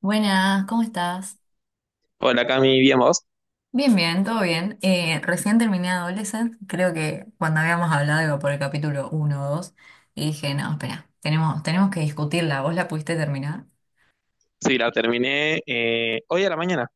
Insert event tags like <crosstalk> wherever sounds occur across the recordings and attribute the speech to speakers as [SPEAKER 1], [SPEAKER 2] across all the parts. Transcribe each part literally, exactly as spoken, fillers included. [SPEAKER 1] Buenas, ¿cómo estás?
[SPEAKER 2] Hola Cami, bien vos.
[SPEAKER 1] Bien, bien, todo bien. Eh, recién terminé Adolescent. Creo que cuando habíamos hablado iba por el capítulo uno, o dos, y dije, no, espera, tenemos, tenemos que discutirla. ¿Vos la pudiste terminar?
[SPEAKER 2] Sí, la terminé eh, hoy a la mañana.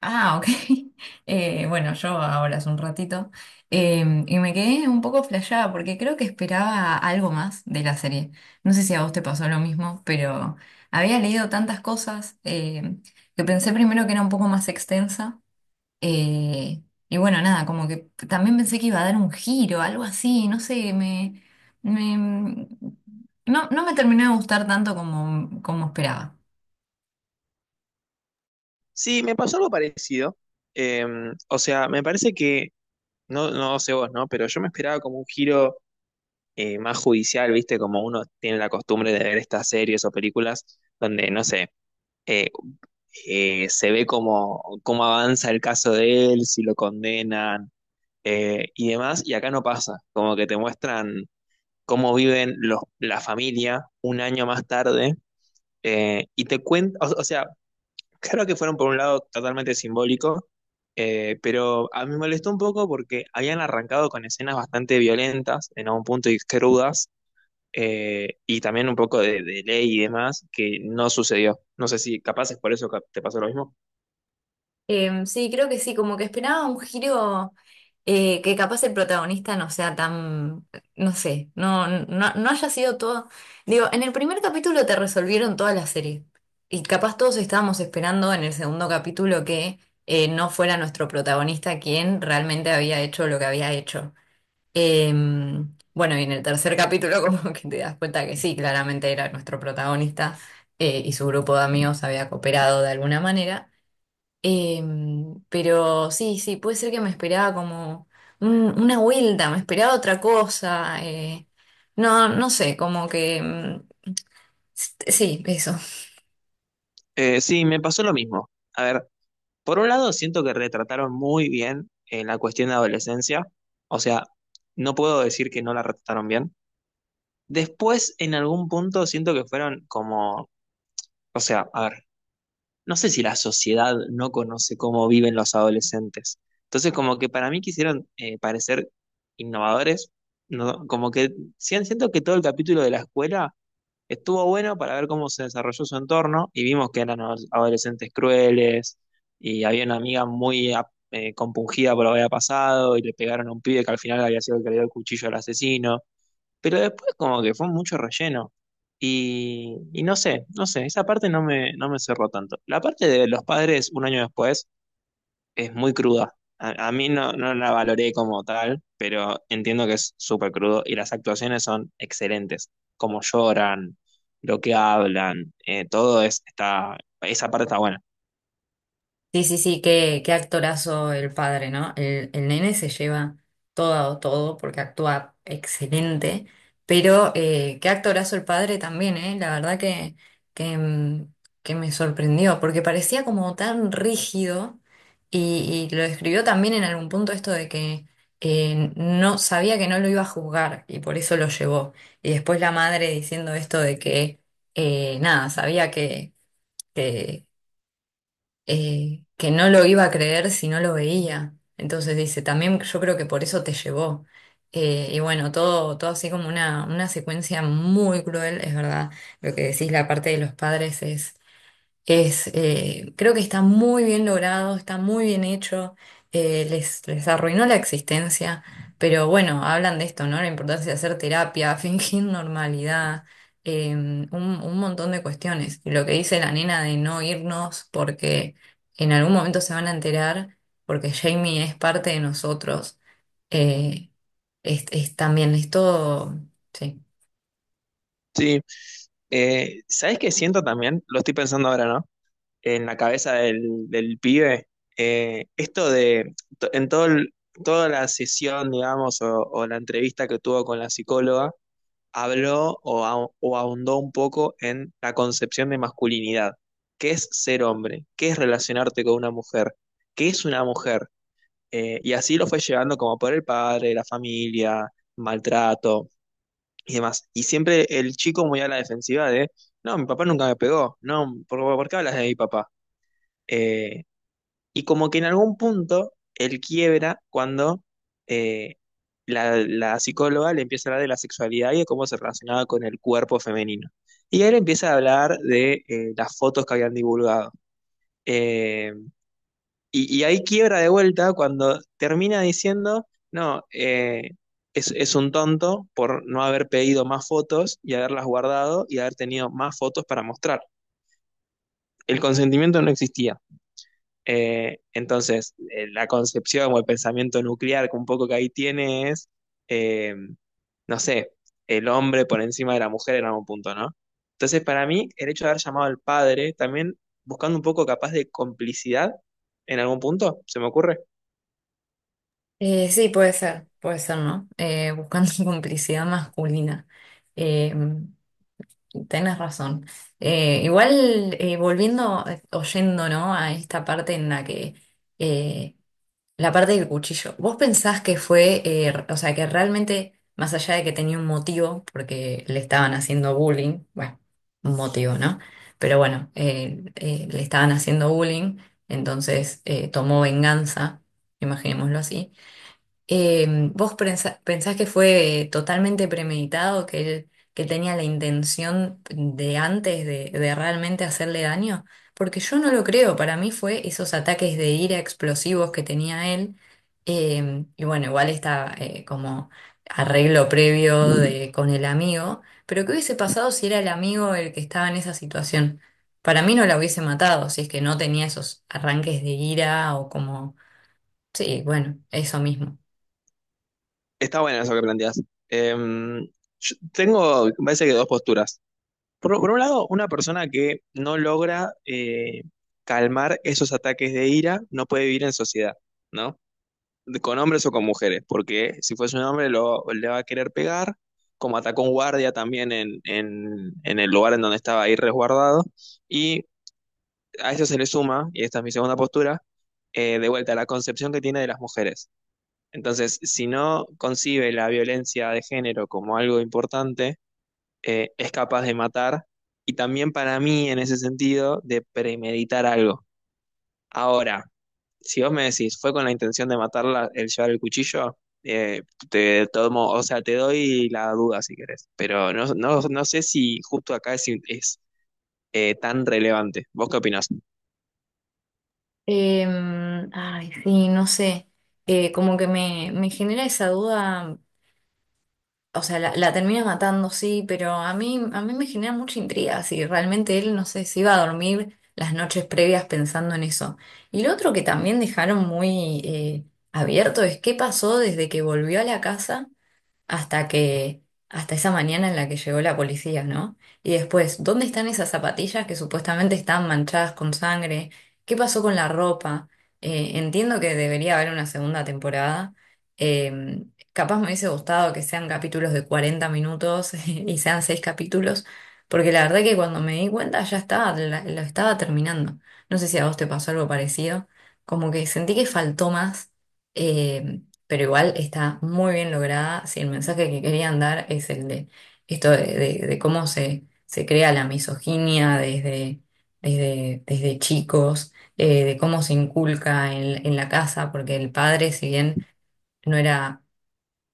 [SPEAKER 1] Ah, ok. <laughs> Eh, bueno, yo ahora hace un ratito, Eh, y me quedé un poco flasheada porque creo que esperaba algo más de la serie. No sé si a vos te pasó lo mismo, pero había leído tantas cosas, eh, que pensé primero que era un poco más extensa. Eh, y bueno, nada, como que también pensé que iba a dar un giro, algo así, no sé, me, me- no, no me terminó de gustar tanto como, como esperaba.
[SPEAKER 2] Sí, me pasó algo parecido. Eh, o sea, me parece que, no, no sé vos, ¿no? Pero yo me esperaba como un giro eh, más judicial, ¿viste? Como uno tiene la costumbre de ver estas series o películas donde, no sé, eh, eh, se ve cómo, cómo avanza el caso de él, si lo condenan eh, y demás. Y acá no pasa, como que te muestran cómo viven los, la familia un año más tarde. Eh, y te cuento, o, o sea, claro que fueron por un lado totalmente simbólico, eh, pero a mí me molestó un poco porque habían arrancado con escenas bastante violentas, en algún punto y crudas, eh, y también un poco de, de ley y demás, que no sucedió. No sé si capaz es por eso que te pasó lo mismo.
[SPEAKER 1] Em, sí, creo que sí, como que esperaba un giro, eh, que capaz el protagonista no sea tan, no sé, no, no, no haya sido todo. Digo, en el primer capítulo te resolvieron toda la serie y capaz todos estábamos esperando en el segundo capítulo que eh, no fuera nuestro protagonista quien realmente había hecho lo que había hecho. Eh, bueno, y en el tercer capítulo <laughs> como que te das cuenta que sí, claramente era nuestro protagonista, eh, y su grupo de amigos había cooperado de alguna manera. Eh, pero sí, sí, puede ser que me esperaba como un- una vuelta, me esperaba otra cosa. Eh, no, no sé, como que mm, sí, eso.
[SPEAKER 2] Eh, sí, me pasó lo mismo. A ver, por un lado siento que retrataron muy bien eh, la cuestión de adolescencia, o sea, no puedo decir que no la retrataron bien. Después, en algún punto, siento que fueron como... O sea, a ver, no sé si la sociedad no conoce cómo viven los adolescentes. Entonces, como que para mí quisieron eh, parecer innovadores, no, como que sí, siento que todo el capítulo de la escuela estuvo bueno para ver cómo se desarrolló su entorno y vimos que eran ados- adolescentes crueles y había una amiga muy ap- eh, compungida por lo que había pasado y le pegaron a un pibe que al final había sido el que le dio el cuchillo al asesino. Pero después como que fue mucho relleno. Y, y no sé, no sé, esa parte no me, no me cerró tanto. La parte de los padres un año después es muy cruda. A, a mí no, no la valoré como tal, pero entiendo que es súper crudo y las actuaciones son excelentes. Cómo lloran, lo que hablan, eh, todo es, está, esa parte está buena.
[SPEAKER 1] Sí, sí, sí, qué, qué actorazo el padre, ¿no? El, el nene se lleva todo, todo, porque actúa excelente, pero eh, qué actorazo el padre también, ¿eh? La verdad que, que, mm, que me sorprendió, porque parecía como tan rígido y, y lo escribió también en algún punto esto de que eh, no sabía que no lo iba a juzgar y por eso lo llevó. Y después la madre diciendo esto de que, eh, nada, sabía que... que eh, que no lo iba a creer si no lo veía. Entonces dice, también yo creo que por eso te llevó. Eh, y bueno, todo, todo así como una, una secuencia muy cruel, es verdad. Lo que decís, la parte de los padres es, eh, creo que está muy bien logrado, está muy bien hecho, eh, les, les arruinó la existencia, pero bueno, hablan de esto, ¿no? La importancia de hacer terapia, <laughs> fingir normalidad, eh, un, un montón de cuestiones. Y lo que dice la nena de no irnos porque en algún momento se van a enterar, porque Jamie es parte de nosotros, eh, es, es también, es todo, sí.
[SPEAKER 2] Sí, eh, ¿sabes qué siento también? Lo estoy pensando ahora, ¿no? En la cabeza del, del pibe, eh, esto de, to- en todo el- toda la sesión, digamos, o, o la entrevista que tuvo con la psicóloga, habló o, ah- o ahondó un poco en la concepción de masculinidad. ¿Qué es ser hombre? ¿Qué es relacionarte con una mujer? ¿Qué es una mujer? Eh, y así lo fue llevando como por el padre, la familia, maltrato y demás. Y siempre el chico muy a la defensiva de, no, mi papá nunca me pegó, no, ¿por, por qué hablas de mi papá? Eh, y como que en algún punto él quiebra cuando eh, la, la psicóloga le empieza a hablar de la sexualidad y de cómo se relacionaba con el cuerpo femenino. Y él empieza a hablar de eh, las fotos que habían divulgado. Eh, y, y ahí quiebra de vuelta cuando termina diciendo, no, eh, es, es un tonto por no haber pedido más fotos y haberlas guardado y haber tenido más fotos para mostrar. El consentimiento no existía. Eh, entonces, eh, la concepción o el pensamiento nuclear que un poco que ahí tiene es, eh, no sé, el hombre por encima de la mujer en algún punto, ¿no? Entonces, para mí, el hecho de haber llamado al padre, también buscando un poco capaz de complicidad en algún punto, se me ocurre.
[SPEAKER 1] Eh, sí, puede ser, puede ser, ¿no? Eh, buscando <laughs> complicidad masculina. Eh, Tenés razón. Eh, igual, eh, volviendo, eh, oyendo, ¿no? A esta parte en la que, eh, la parte del cuchillo, ¿vos pensás que fue, eh, r- o sea, que realmente, más allá de que tenía un motivo, porque le estaban haciendo bullying, bueno, un motivo, ¿no? Pero bueno, eh, eh, le estaban haciendo bullying, entonces eh, tomó venganza, imaginémoslo así, eh, ¿vos prensa- pensás que fue totalmente premeditado, que él, que él tenía la intención de antes de, de realmente hacerle daño? Porque yo no lo creo, para mí fue esos ataques de ira explosivos que tenía él. Eh, y bueno, igual está, eh, como arreglo previo de, con el amigo, pero ¿qué hubiese pasado si era el amigo el que estaba en esa situación? Para mí no la hubiese matado, si es que no tenía esos arranques de ira o como... Sí, bueno, eso mismo.
[SPEAKER 2] Está bueno eso que planteas. Em, yo tengo, me parece que dos posturas. Por, por un lado, una persona que no logra eh, calmar esos ataques de ira no puede vivir en sociedad, ¿no? Con hombres o con mujeres, porque si fuese un hombre lo, le va a querer pegar, como atacó un guardia también en, en, en el lugar en donde estaba ahí resguardado, y a eso se le suma, y esta es mi segunda postura, eh, de vuelta, la concepción que tiene de las mujeres. Entonces, si no concibe la violencia de género como algo importante, eh, es capaz de matar, y también para mí, en ese sentido, de premeditar algo. Ahora, si vos me decís, fue con la intención de matarla el llevar el cuchillo, eh, te tomo, o sea, te doy la duda si querés, pero no, no, no sé si justo acá es, es, eh, tan relevante. ¿Vos qué opinás?
[SPEAKER 1] Em, ay, sí, no sé. Eh, como que me, me genera esa duda, o sea, la, la termina matando, sí, pero a mí, a mí me genera mucha intriga si realmente él, no sé, si iba a dormir las noches previas pensando en eso. Y lo otro que también dejaron muy, eh, abierto es qué pasó desde que volvió a la casa hasta que, hasta esa mañana en la que llegó la policía, ¿no? Y después, ¿dónde están esas zapatillas que supuestamente estaban manchadas con sangre? ¿Qué pasó con la ropa? Eh, entiendo que debería haber una segunda temporada. Eh, Capaz me hubiese gustado que sean capítulos de cuarenta minutos <laughs> y sean seis capítulos, porque la verdad que cuando me di cuenta ya estaba, la- lo estaba terminando. No sé si a vos te pasó algo parecido, como que sentí que faltó más. em, pero igual está muy bien lograda. Si el mensaje que querían dar es el de esto de, de- de cómo se, se crea la misoginia desde, desde, desde chicos, eh, de cómo se inculca en, en la casa, porque el padre, si bien no era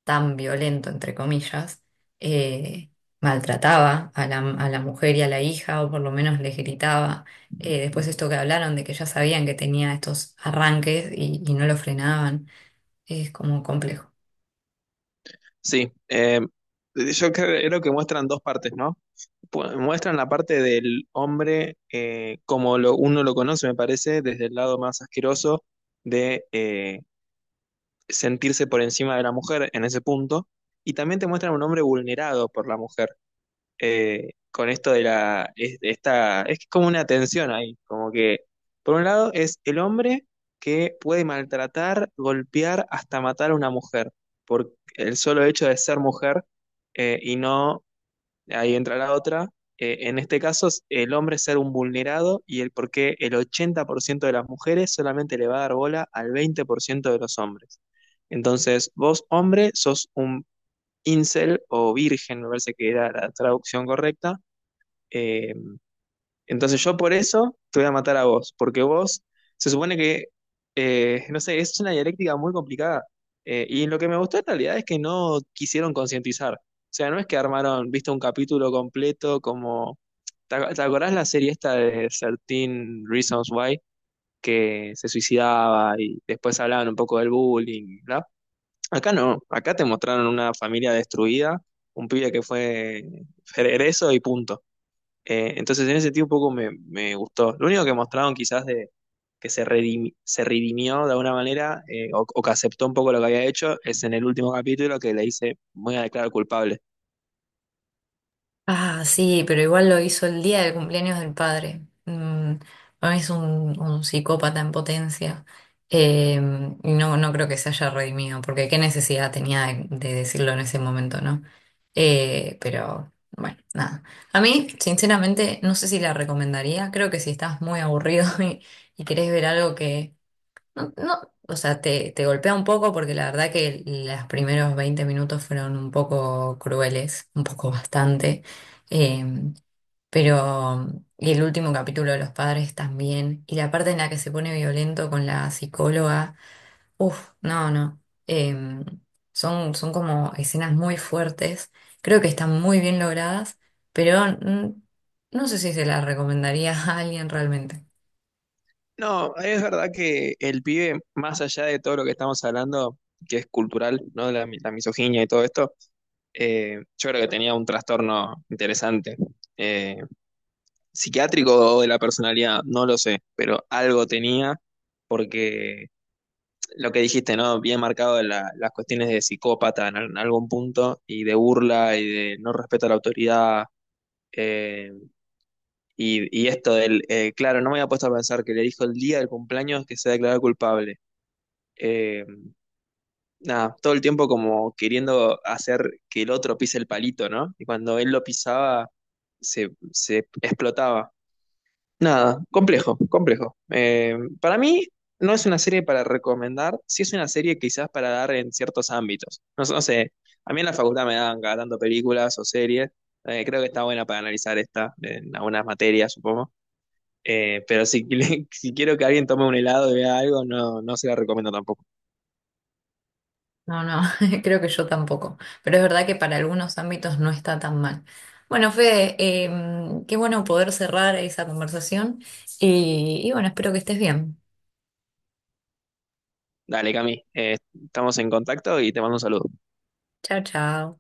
[SPEAKER 1] tan violento, entre comillas, eh, maltrataba a la, a la mujer y a la hija, o por lo menos les gritaba. Eh, después esto que hablaron de que ya sabían que tenía estos arranques y y no lo frenaban, es como complejo.
[SPEAKER 2] Sí, eh, yo cre- creo que muestran dos partes, ¿no? Pu- Muestran la parte del hombre eh, como lo, uno lo conoce, me parece, desde el lado más asqueroso de eh, sentirse por encima de la mujer en ese punto, y también te muestran un hombre vulnerado por la mujer eh, con esto de la... Es, esta, es como una tensión ahí, como que por un lado es el hombre que puede maltratar, golpear, hasta matar a una mujer, por el solo hecho de ser mujer eh, y no, ahí entra la otra, eh, en este caso es el hombre ser un vulnerado y el por qué el ochenta por ciento de las mujeres solamente le va a dar bola al veinte por ciento de los hombres. Entonces, vos hombre sos un incel o virgen, me parece que era la traducción correcta, eh, entonces yo por eso te voy a matar a vos, porque vos se supone que, eh, no sé, es una dialéctica muy complicada. Eh, y lo que me gustó en realidad es que no quisieron concientizar. O sea, no es que armaron, viste, un capítulo completo como... ¿Te ac- te acordás la serie esta de trece Reasons Why? Que se suicidaba y después hablaban un poco del bullying, ¿no? Acá no, acá te mostraron una familia destruida, un pibe que fue egreso y punto. Eh, entonces, en ese sentido, un poco me, me gustó. Lo único que mostraron quizás de que se, redimi- se redimió de alguna manera eh, o, o que aceptó un poco lo que había hecho es en el último capítulo que le dice, voy a declarar culpable.
[SPEAKER 1] Ah, sí, pero igual lo hizo el día del cumpleaños del padre. Mm, para es un, un psicópata en potencia. Eh, y no, no creo que se haya redimido, porque qué necesidad tenía de, de decirlo en ese momento, ¿no? Eh, pero bueno, nada. A mí, sinceramente, no sé si la recomendaría. Creo que si estás muy aburrido <laughs> y, y querés ver algo que no, no, o sea, te, te golpea un poco porque la verdad que los primeros veinte minutos fueron un poco crueles, un poco bastante, eh, pero y el último capítulo de Los Padres también, y la parte en la que se pone violento con la psicóloga, uff, no, no, eh, son, son como escenas muy fuertes, creo que están muy bien logradas, pero mm, no sé si se las recomendaría <laughs> a alguien realmente.
[SPEAKER 2] No, es verdad que el pibe, más allá de todo lo que estamos hablando, que es cultural, ¿no? La, mi- la misoginia y todo esto, eh, yo creo que tenía un trastorno interesante. eh, Psiquiátrico o de la personalidad, no lo sé, pero algo tenía porque lo que dijiste, ¿no? Bien marcado la- las cuestiones de psicópata en, al- en algún punto y de burla y de no respeto a la autoridad. eh, y, y esto del, eh, claro, no me había puesto a pensar que le dijo el día del cumpleaños que se declaró culpable. Eh, Nada, todo el tiempo como queriendo hacer que el otro pise el palito, ¿no? Y cuando él lo pisaba, se, se explotaba. Nada, complejo, complejo. Eh, para mí no es una serie para recomendar, sí es una serie quizás para dar en ciertos ámbitos. No, sé, no sé, a mí en la facultad me dan cada tanto películas o series, eh, creo que está buena para analizar esta en algunas materias, supongo. Eh, pero si, <laughs> si quiero que alguien tome un helado y vea algo, no, no se la recomiendo tampoco.
[SPEAKER 1] No, no, <laughs> creo que yo tampoco. Pero es verdad que para algunos ámbitos no está tan mal. Bueno, Fede, em, qué bueno poder cerrar esa conversación. Y y bueno, espero que estés bien.
[SPEAKER 2] Dale, Cami, eh, estamos en contacto y te mando un saludo.
[SPEAKER 1] Chao, chao.